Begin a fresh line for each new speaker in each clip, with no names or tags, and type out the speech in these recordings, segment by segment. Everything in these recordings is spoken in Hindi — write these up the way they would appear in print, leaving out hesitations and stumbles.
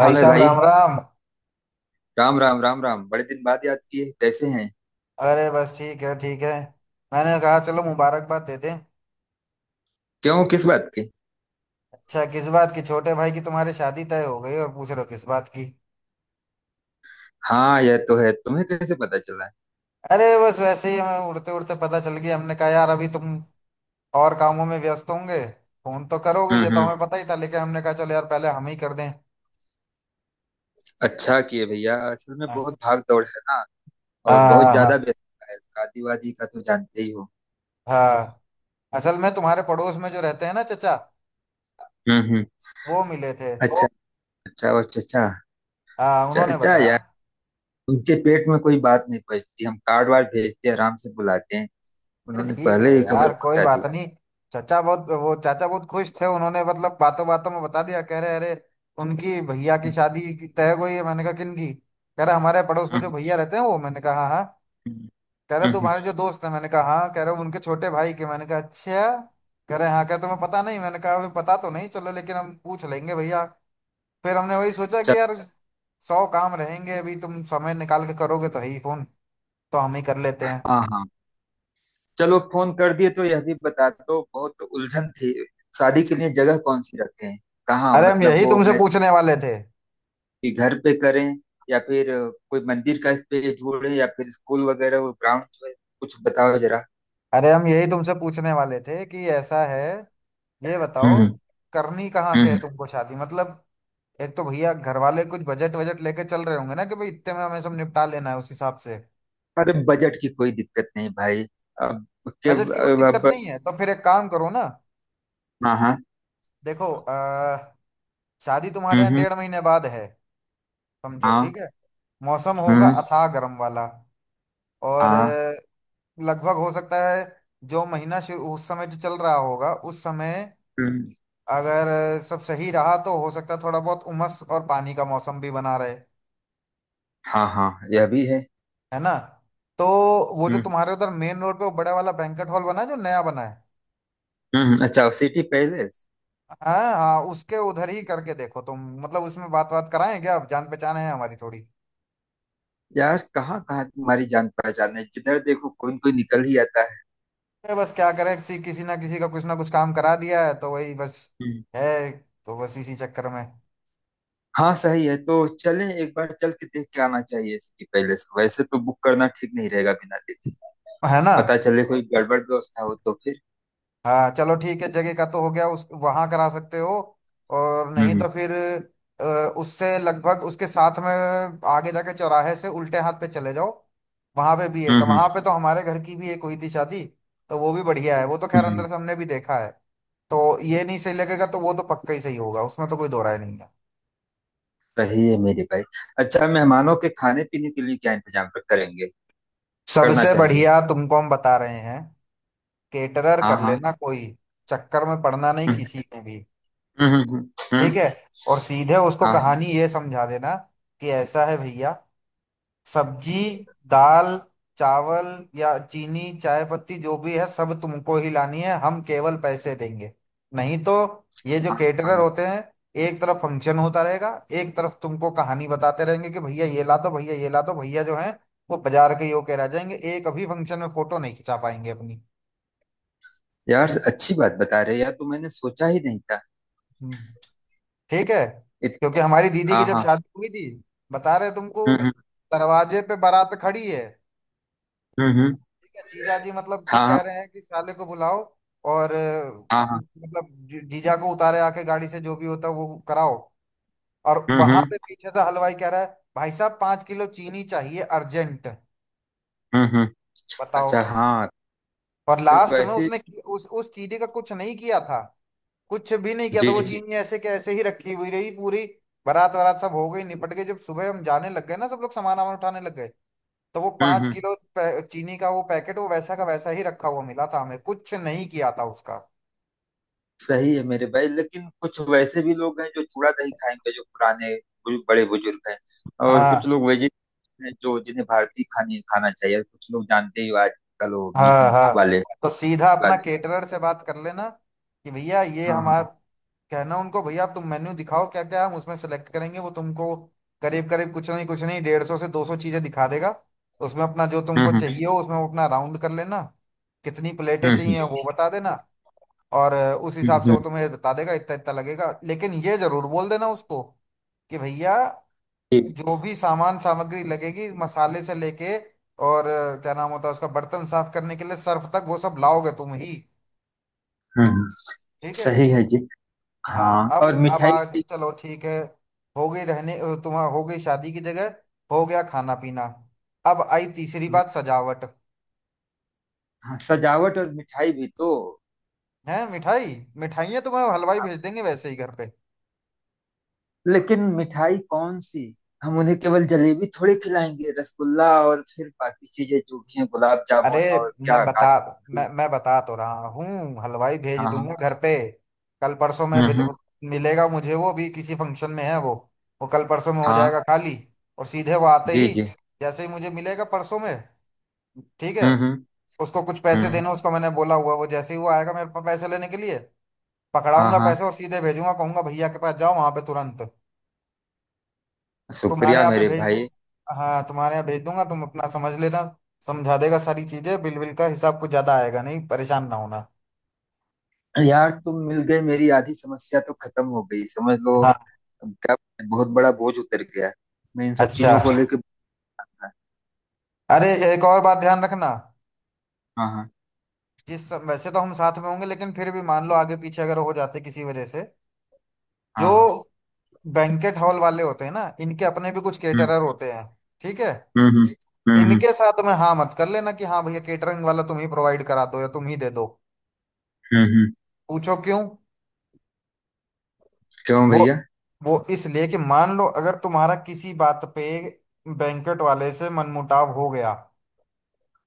भाई
हाल है
साहब
भाई।
राम राम।
राम राम राम राम। बड़े दिन बाद याद किए, कैसे हैं?
अरे बस ठीक है, ठीक है। मैंने कहा चलो मुबारकबाद दे दें।
क्यों? किस बात की?
अच्छा, किस बात की? छोटे भाई की, तुम्हारी शादी तय हो गई और पूछ रहे हो किस बात की?
हाँ, यह तो है। तुम्हें कैसे पता चला है?
अरे बस वैसे ही हमें उड़ते उड़ते पता चल गया। हमने कहा यार अभी तुम और कामों में व्यस्त होंगे। फोन तो करोगे,
हम्म।
ये तो
हम्म।
हमें पता ही था, लेकिन हमने कहा चलो यार पहले हम ही कर दें।
अच्छा किए भैया, असल में
हाँ
बहुत भाग दौड़ है ना। और बहुत
हाँ।
ज्यादा
हाँ
व्यस्तता है, शादी वादी का तो जानते ही हो।
हाँ। असल में तुम्हारे पड़ोस में जो रहते हैं ना, चचा,
हम्म। हम्म।
वो मिले थे।
अच्छा। अच्छा, और चचा?
हाँ उन्होंने
चचा यार,
बताया।
उनके पेट में कोई बात नहीं पचती। हम कार्ड वार्ड भेजते हैं, आराम से बुलाते हैं।
अरे
उन्होंने
ठीक है
पहले ही खबर
यार, कोई
पहुंचा
बात
दी।
नहीं। चाचा बहुत, वो चाचा बहुत खुश थे। उन्होंने मतलब बातों बातों में बता दिया। कह रहे अरे, उनकी भैया की
हम्म।
शादी की तय हो गई है। मैंने कहा किन की? कह रहा हमारे पड़ोस में जो
हम्म।
भैया रहते हैं वो। मैंने कहा हाँ हाँ। कह रहे
हम्म।
तुम्हारे जो दोस्त हैं। मैंने कहा हाँ। कह रहे उनके छोटे भाई के। मैंने कहा अच्छा। कह रहे हाँ, कह रहे तुम्हें
हम्म।
पता नहीं। मैंने कहा अभी पता तो नहीं, चलो लेकिन हम पूछ लेंगे भैया। फिर हमने वही सोचा कि
चल।
यार सौ काम रहेंगे, अभी तुम समय निकाल के करोगे तो है ही फोन, तो हम ही कर लेते
हाँ
हैं।
हाँ। चलो फोन कर दिए तो यह भी बता दो, बहुत उलझन थी। शादी के लिए जगह कौन सी रखें? कहाँ
अरे हम
मतलब
यही
वो
तुमसे
मेरे
पूछने वाले थे।
घर पे करें, या फिर कोई मंदिर का इस पे जोड़ें, या फिर स्कूल वगैरह वो ग्राउंड जो है। कुछ बताओ जरा।
अरे हम यही तुमसे पूछने वाले थे कि ऐसा है, ये
हम्म।
बताओ,
हम्म।
करनी कहाँ से है
हम्म।
तुमको शादी मतलब। एक तो भैया घर वाले कुछ बजट वजट लेके चल रहे होंगे ना कि भाई इतने में हमें सब निपटा लेना है, उस हिसाब से।
अरे बजट की कोई दिक्कत नहीं भाई। अब के
बजट की कोई दिक्कत
अब-
नहीं है तो फिर एक काम करो ना।
हाँ हाँ।
देखो, शादी तुम्हारे यहाँ
हम्म।
डेढ़ महीने बाद है। समझो,
हाँ।
ठीक है। मौसम होगा
हम्म।
अथाह गर्म वाला। और
हाँ।
लगभग हो सकता है, जो महीना शुरू उस समय जो चल रहा होगा उस समय,
हम्म।
अगर सब सही रहा तो हो सकता है थोड़ा बहुत उमस और पानी का मौसम भी बना रहे,
हाँ हाँ, यह भी है।
है ना। तो वो जो
हम्म।
तुम्हारे उधर मेन रोड पे वो बड़ा वाला बैंकेट हॉल बना है जो नया बना है।
हम्म। अच्छा, सिटी पैलेस।
हाँ हाँ, उसके उधर ही करके देखो तुम, मतलब उसमें बात बात कराएं क्या? अब जान पहचान है हमारी थोड़ी।
यार कहाँ कहाँ तुम्हारी जान पहचान है, जिधर देखो कोई न कोई निकल ही आता है।
अरे बस क्या करें, किसी किसी ना किसी का कुछ ना कुछ काम करा दिया है तो वही बस
हम्म।
है, तो बस इसी चक्कर में,
हाँ सही है, तो चलें एक बार चल के देख के आना चाहिए। इसकी पहले से वैसे तो बुक करना ठीक नहीं रहेगा बिना देखे।
है ना।
पता चले कोई गड़बड़ व्यवस्था हो तो फिर।
हाँ चलो ठीक है, जगह का तो हो गया, उस वहां करा सकते हो। और नहीं
हम्म।
तो फिर अ, उससे लगभग उसके साथ में, आगे जाके चौराहे से उल्टे हाथ पे चले जाओ। वहां पे भी एक,
हम्म। हम्म।
वहां पे तो हमारे घर की भी एक हुई थी शादी। तो वो भी बढ़िया है, वो तो खैर
हम्म।
अंदर से हमने भी देखा है। तो ये नहीं सही लगेगा तो वो तो पक्का ही सही होगा, उसमें तो कोई दो राय नहीं है।
सही है मेरे भाई। अच्छा, मेहमानों के खाने पीने के लिए क्या इंतजाम करेंगे? करना
सबसे
चाहिए।
बढ़िया तुमको हम बता रहे हैं, केटरर
हाँ
कर
हाँ।
लेना कोई, चक्कर में पड़ना नहीं
हम्म।
किसी में भी।
हम्म। हम्म।
ठीक
हम्म।
है, और सीधे उसको
हाँ। हाँ।
कहानी ये समझा देना कि ऐसा है भैया, सब्जी, दाल, चावल या चीनी चाय पत्ती जो भी है सब तुमको ही लानी है, हम केवल पैसे देंगे। नहीं तो ये जो
हाँ।
केटरर
हाँ।
होते हैं, एक तरफ फंक्शन होता रहेगा, एक तरफ तुमको कहानी बताते रहेंगे कि भैया ये ला दो भैया ये ला दो, भैया जो है वो बाजार के यो कह रह जाएंगे, एक अभी फंक्शन में फोटो नहीं खिंचा पाएंगे अपनी।
यार अच्छी बात बता रहे हो, यार तो मैंने सोचा ही नहीं था।
हम्म। ठीक है,
इत,
क्योंकि हमारी दीदी की
हाँ
जब
हाँ।
शादी हुई थी, बता रहे तुमको,
हम्म। हम्म।
दरवाजे पे बारात खड़ी है,
हम्म। हम्म।
ठीक है, जीजा जी मतलब सब
हाँ
कह रहे हैं कि साले को बुलाओ और
हाँ। हाँ हाँ।
मतलब जीजा को उतारे आके गाड़ी से, जो भी होता है वो कराओ, और
हम्म।
वहां
हम्म।
पे पीछे से हलवाई कह रहा है भाई साहब 5 किलो चीनी चाहिए अर्जेंट।
हम्म। हम्म। अच्छा
बताओ।
हाँ।
और
फिर तो
लास्ट में
ऐसे।
उसने उस चीनी का कुछ नहीं किया था, कुछ भी नहीं किया था,
जी
वो
जी।
चीनी ऐसे के ऐसे ही रखी हुई रही पूरी, बारात वारात सब हो गई निपट गई, जब सुबह हम जाने लग गए ना, सब लोग सामान वामान उठाने लग गए, तो वो
हम्म।
पाँच
हम्म।
किलो चीनी का वो पैकेट वो वैसा का वैसा ही रखा हुआ मिला था, हमें कुछ नहीं किया था उसका।
सही है मेरे भाई, लेकिन कुछ वैसे भी लोग हैं जो चूड़ा नहीं खाएंगे, जो पुराने बड़े बुजुर्ग हैं। और कुछ
हाँ
लोग वेजिटेरियन हैं जो, जिन्हें भारतीय खाने खाना चाहिए, और कुछ लोग जानते ही हो आजकल वो मीट
हाँ हाँ।
वाले
तो सीधा अपना
वाले
केटरर से बात कर लेना कि भैया ये
हाँ
हमारा
हाँ।
कहना उनको, भैया आप तुम मेन्यू दिखाओ, क्या क्या हम उसमें सेलेक्ट करेंगे वो तुमको, करीब करीब कुछ नहीं 150 से 200 चीजें दिखा देगा। उसमें अपना जो
हम्म।
तुमको
हम्म।
चाहिए हो उसमें वो अपना राउंड कर लेना, कितनी प्लेटें
हम्म।
चाहिए वो बता देना। और उस
हम्म।
हिसाब से वो
हम्म।
तुम्हें बता देगा इतना इतना लगेगा, लेकिन ये जरूर बोल देना उसको कि भैया
ठीक।
जो भी सामान सामग्री लगेगी मसाले से लेके, और क्या नाम होता है उसका, बर्तन साफ करने के लिए सर्फ तक वो सब लाओगे तुम ही।
हम्म। हम्म।
ठीक है।
सही है जी। हाँ
हाँ
और
अब
मिठाई
आज
भी-
चलो ठीक है, हो गई रहने तुम्हारा, हो गई शादी की जगह, हो गया खाना पीना। अब आई तीसरी बात सजावट।
हाँ सजावट और मिठाई भी तो।
है मिठाई, मिठाइयाँ तुम्हें हलवाई भेज देंगे वैसे ही घर पे।
लेकिन मिठाई कौन सी? हम उन्हें केवल जलेबी थोड़ी खिलाएंगे, रसगुल्ला, और फिर बाकी चीजें जो भी हैं गुलाब
अरे
जामुन, और
मैं
क्या,
बता
काजू
मैं
कतली।
मैं बता तो रहा हूँ, हलवाई
हाँ
भेज दूंगा
हाँ।
घर पे। कल परसों में
हम्म। हम्म।
मिलेगा मुझे, वो भी किसी फंक्शन में है वो कल परसों में हो
हाँ।
जाएगा खाली। और सीधे वो आते
जी
ही,
जी।
जैसे ही मुझे मिलेगा परसों में, ठीक है,
हम्म। हम्म।
उसको कुछ पैसे देने
हम्म।
उसको मैंने बोला हुआ है, वो जैसे ही वो आएगा मेरे पास पैसे लेने के लिए
हाँ
पकड़ाऊंगा
हाँ।
पैसे और सीधे भेजूंगा, कहूंगा भैया के पास जाओ वहां पे तुरंत। तुम्हारे
शुक्रिया
यहाँ पे
मेरे
भेज दूँ?
भाई।
हाँ तुम्हारे यहाँ भेज दूंगा, तुम अपना समझ लेना, समझा देगा सारी चीजें, बिल बिल का हिसाब कुछ ज्यादा आएगा नहीं, परेशान ना होना।
यार तुम मिल गए, मेरी आधी समस्या तो खत्म हो गई समझ लो।
हाँ
क्या बहुत बड़ा बोझ उतर गया है। मैं इन सब चीजों को
अच्छा।
लेके। हाँ।
अरे एक और बात ध्यान रखना,
हाँ।
जिस वैसे तो हम साथ में होंगे लेकिन फिर भी मान लो आगे पीछे अगर हो जाते किसी वजह से,
हाँ।
जो
हाँ।
बैंकेट हॉल वाले होते हैं ना इनके अपने भी कुछ
हम्म।
केटरर होते हैं, ठीक है,
हम्म। हम्म। हम्म।
इनके साथ में हाँ मत कर लेना कि हाँ भैया केटरिंग वाला तुम ही प्रोवाइड करा दो या तुम ही दे दो।
हम्म। हम्म।
पूछो क्यों।
क्यों
वो
भैया?
वो इसलिए कि मान लो अगर तुम्हारा किसी बात पे बैंकेट वाले से मनमुटाव हो गया,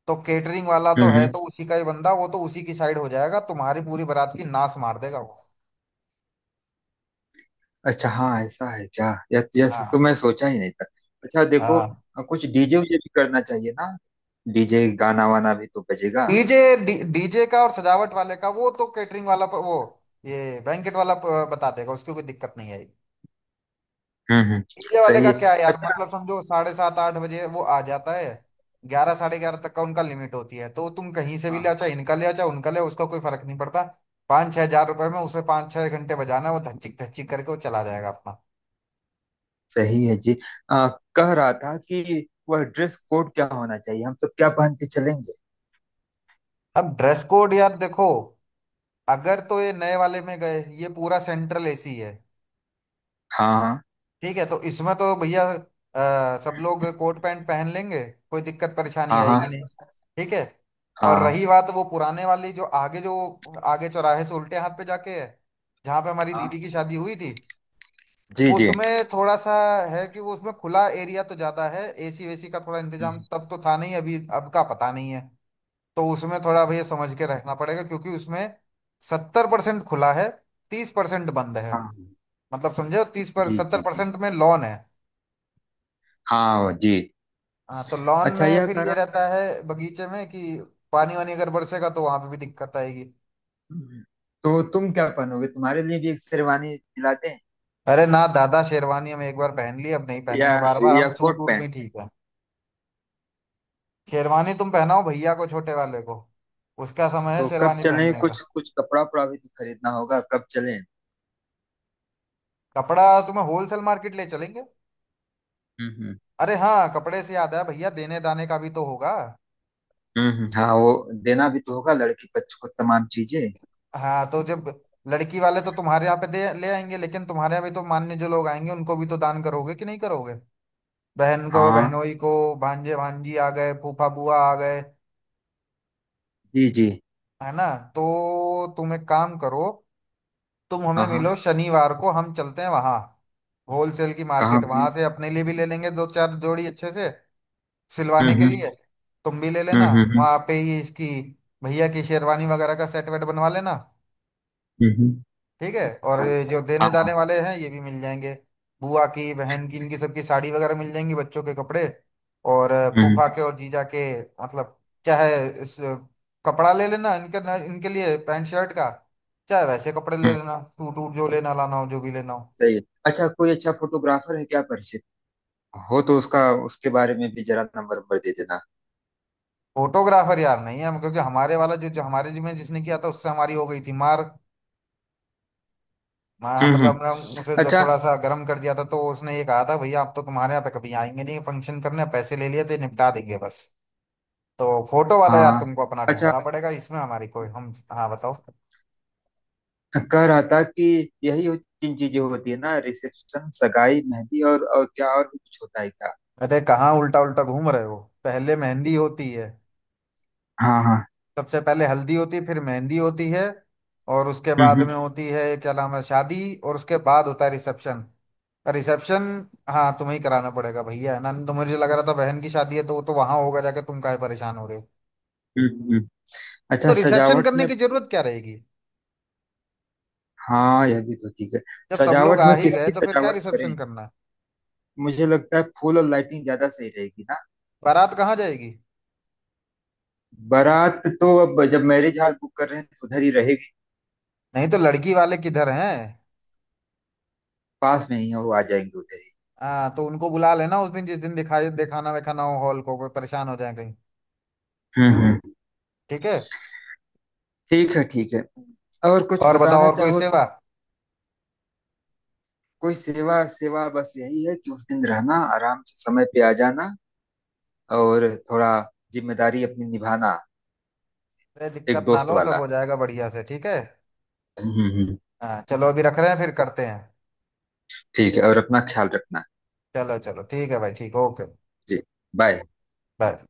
तो केटरिंग वाला तो
हम्म।
है
हम्म।
तो उसी का ही बंदा, वो तो उसी की साइड हो जाएगा, तुम्हारी पूरी बारात की नाश मार देगा वो।
अच्छा हाँ, ऐसा है क्या? यह सब तो
हाँ
मैं सोचा ही नहीं था। अच्छा देखो,
हाँ।
कुछ डीजे वीजे भी करना चाहिए ना। डीजे गाना वाना भी तो बजेगा।
डीजे डीजे का और सजावट वाले का वो तो केटरिंग वाला वो ये बैंकेट वाला बता देगा, उसकी कोई दिक्कत नहीं है।
हम्म। हम्म।
मीडिया वाले
सही
का
है।
क्या है यार,
अच्छा।
मतलब समझो साढ़े सात आठ बजे वो आ जाता है, ग्यारह साढ़े ग्यारह तक का उनका लिमिट होती है, तो तुम कहीं से भी ले आओ,
हाँ।
चाहे इनका ले आओ चाहे उनका ले आओ, उसका कोई फर्क नहीं पड़ता। 5-6 हजार रुपए में उसे 5-6 घंटे बजाना है, वो धच्चिक धच्चिक करके वो चला जाएगा अपना।
सही है जी। आ, कह रहा था कि वह ड्रेस कोड क्या होना चाहिए, हम सब क्या पहन के चलेंगे?
अब ड्रेस कोड यार देखो, अगर तो ये नए वाले में गए ये पूरा सेंट्रल एसी है,
हाँ
ठीक है, तो इसमें तो भैया सब लोग कोट पैंट पहन लेंगे, कोई दिक्कत परेशानी
हाँ। हाँ
आएगी नहीं, ठीक है। और
हाँ।
रही बात वो पुराने वाली जो आगे, जो आगे चौराहे से उल्टे हाथ पे जाके है, जहाँ पे हमारी
हाँ।
दीदी की शादी हुई थी,
जी
वो
जी।
उसमें थोड़ा सा है कि वो उसमें खुला एरिया तो ज्यादा है, एसी वेसी का थोड़ा इंतजाम
हम्म।
तब तो था नहीं, अभी अब का पता नहीं है, तो उसमें थोड़ा भैया समझ के रहना पड़ेगा क्योंकि उसमें 70% खुला है, 30% बंद है,
हाँ। हम्म।
मतलब समझे, तीस पर
जी
सत्तर
जी जी।
परसेंट में लॉन है।
हाँ जी।
हाँ तो लॉन
अच्छा
में
यह
फिर
कह
ये
रहा था
रहता है बगीचे में कि पानी वानी अगर बरसेगा तो वहां पे भी दिक्कत आएगी।
कि- तो तुम क्या पहनोगे? तुम्हारे लिए भी एक शेरवानी दिलाते हैं।
अरे ना दादा, शेरवानी हम एक बार पहन ली अब नहीं
या
पहनेंगे बार बार,
या
हम सूट
कोट
वूट
पैंट?
भी ठीक है। शेरवानी तुम पहनाओ भैया को, छोटे वाले को, उसका समय है
तो कब
शेरवानी
चलें?
पहनने का।
कुछ कुछ कपड़ा उपड़ा भी तो खरीदना होगा, कब चलें?
कपड़ा तुम्हें होलसेल मार्केट ले चलेंगे।
हम्म। हम्म।
अरे हाँ कपड़े से याद है, भैया देने दाने का भी तो होगा।
हम्म। हाँ वो देना भी तो होगा लड़की पक्ष को तमाम चीजें।
हाँ तो जब लड़की वाले तो तुम्हारे यहाँ पे दे ले आएंगे, लेकिन तुम्हारे यहाँ भी तो मान्य जो लोग आएंगे उनको भी तो दान करोगे कि नहीं करोगे, बहन को
हाँ।
बहनोई को, भांजे भांजी आ गए, फूफा बुआ आ गए,
जी जी।
है ना। तो तुम एक काम करो, तुम हमें
हाँ हाँ।
मिलो शनिवार को, हम चलते हैं वहां होलसेल की
कहाँ
मार्केट,
घूम।
वहां से अपने लिए भी ले लेंगे दो चार जोड़ी अच्छे से
हम्म।
सिलवाने के
हम्म।
लिए, तुम भी ले लेना,
हम्म। हम्म।
वहां पे ही इसकी भैया की शेरवानी वगैरह का सेट वेट बनवा लेना।
हम्म। हम्म।
ठीक है, और ये जो
हाँ
देने
हाँ।
दाने वाले हैं ये भी मिल जाएंगे, बुआ की बहन की इनकी सबकी साड़ी वगैरह मिल जाएंगी, बच्चों के कपड़े और
हम्म।
फूफा के और जीजा के, मतलब चाहे कपड़ा ले लेना इनके ना, इनके लिए पैंट शर्ट का, चाहे वैसे कपड़े ले
हम्म।
लेना सूट वूट, जो लेना लाना हो जो भी लेना हो।
सही है। अच्छा कोई अच्छा फोटोग्राफर है क्या परिचित? हो तो उसका, उसके बारे में भी जरा नंबर नंबर दे देना।
फोटोग्राफर यार नहीं है हम, क्योंकि हमारे वाला जो हमारे जिम्मे जिसने किया था उससे हमारी हो गई थी मार।
हम्म। हम्म।
मतलब हमने उसे
अच्छा।
थोड़ा सा गर्म कर दिया था, तो उसने ये कहा था भैया आप तो तुम्हारे यहाँ पे कभी आएंगे नहीं फंक्शन करने, पैसे ले लिए तो ये निपटा देंगे बस। तो फोटो वाला यार
हाँ।
तुमको अपना
अच्छा
ढूंढना पड़ेगा, इसमें हमारी कोई हम। हाँ बताओ।
कह रहा था कि तीन चीजें होती है ना, रिसेप्शन, सगाई, मेहंदी, और क्या, और भी कुछ होता है क्या?
अरे कहाँ उल्टा उल्टा घूम रहे हो, पहले मेहंदी होती है,
हाँ हाँ।
सबसे पहले हल्दी होती है फिर मेहंदी होती है, और उसके
हम्म।
बाद में
हम्म।
होती है क्या नाम है, शादी, और उसके बाद होता है रिसेप्शन। रिसेप्शन हाँ तुम्हें ही कराना पड़ेगा भैया, है ना, तो मुझे लग रहा था बहन की शादी है तो वो तो वहां होगा जाके, तुम काहे परेशान हो रहे हो।
हम्म। हम्म। अच्छा
तो रिसेप्शन
सजावट
करने
में।
की जरूरत क्या रहेगी,
हाँ, यह भी तो ठीक है।
जब सब लोग
सजावट
आ
में
ही गए
किसकी
तो फिर क्या
सजावट
रिसेप्शन
करें?
करना है।
मुझे लगता है फूल और लाइटिंग ज्यादा सही रहेगी ना।
बारात कहाँ जाएगी?
बारात तो अब जब मैरिज हॉल बुक कर रहे हैं तो उधर ही रहेगी।
नहीं तो लड़की वाले किधर हैं?
पास में ही है, वो आ जाएंगे उधर ही।
हाँ तो उनको बुला लेना उस दिन, जिस दिन दिखाई दिखाना विखाना हो हॉल को, कोई परेशान हो जाए कहीं।
हम्म। हम्म।
ठीक है।
ठीक है, ठीक है। और कुछ
और बताओ,
बताना
और कोई
चाहो।
सेवा?
कोई सेवा सेवा बस यही है कि उस दिन रहना आराम से, समय पे आ जाना, और थोड़ा जिम्मेदारी अपनी निभाना।
अरे
एक
दिक्कत ना
दोस्त
लो, सब
वाला।
हो जाएगा बढ़िया से, ठीक है।
हम्म। हम्म। हम्म।
हाँ चलो अभी रख रहे हैं, फिर करते हैं।
ठीक है, और अपना ख्याल रखना।
चलो चलो ठीक है भाई, ठीक, ओके।
जी। बाय।
बाय।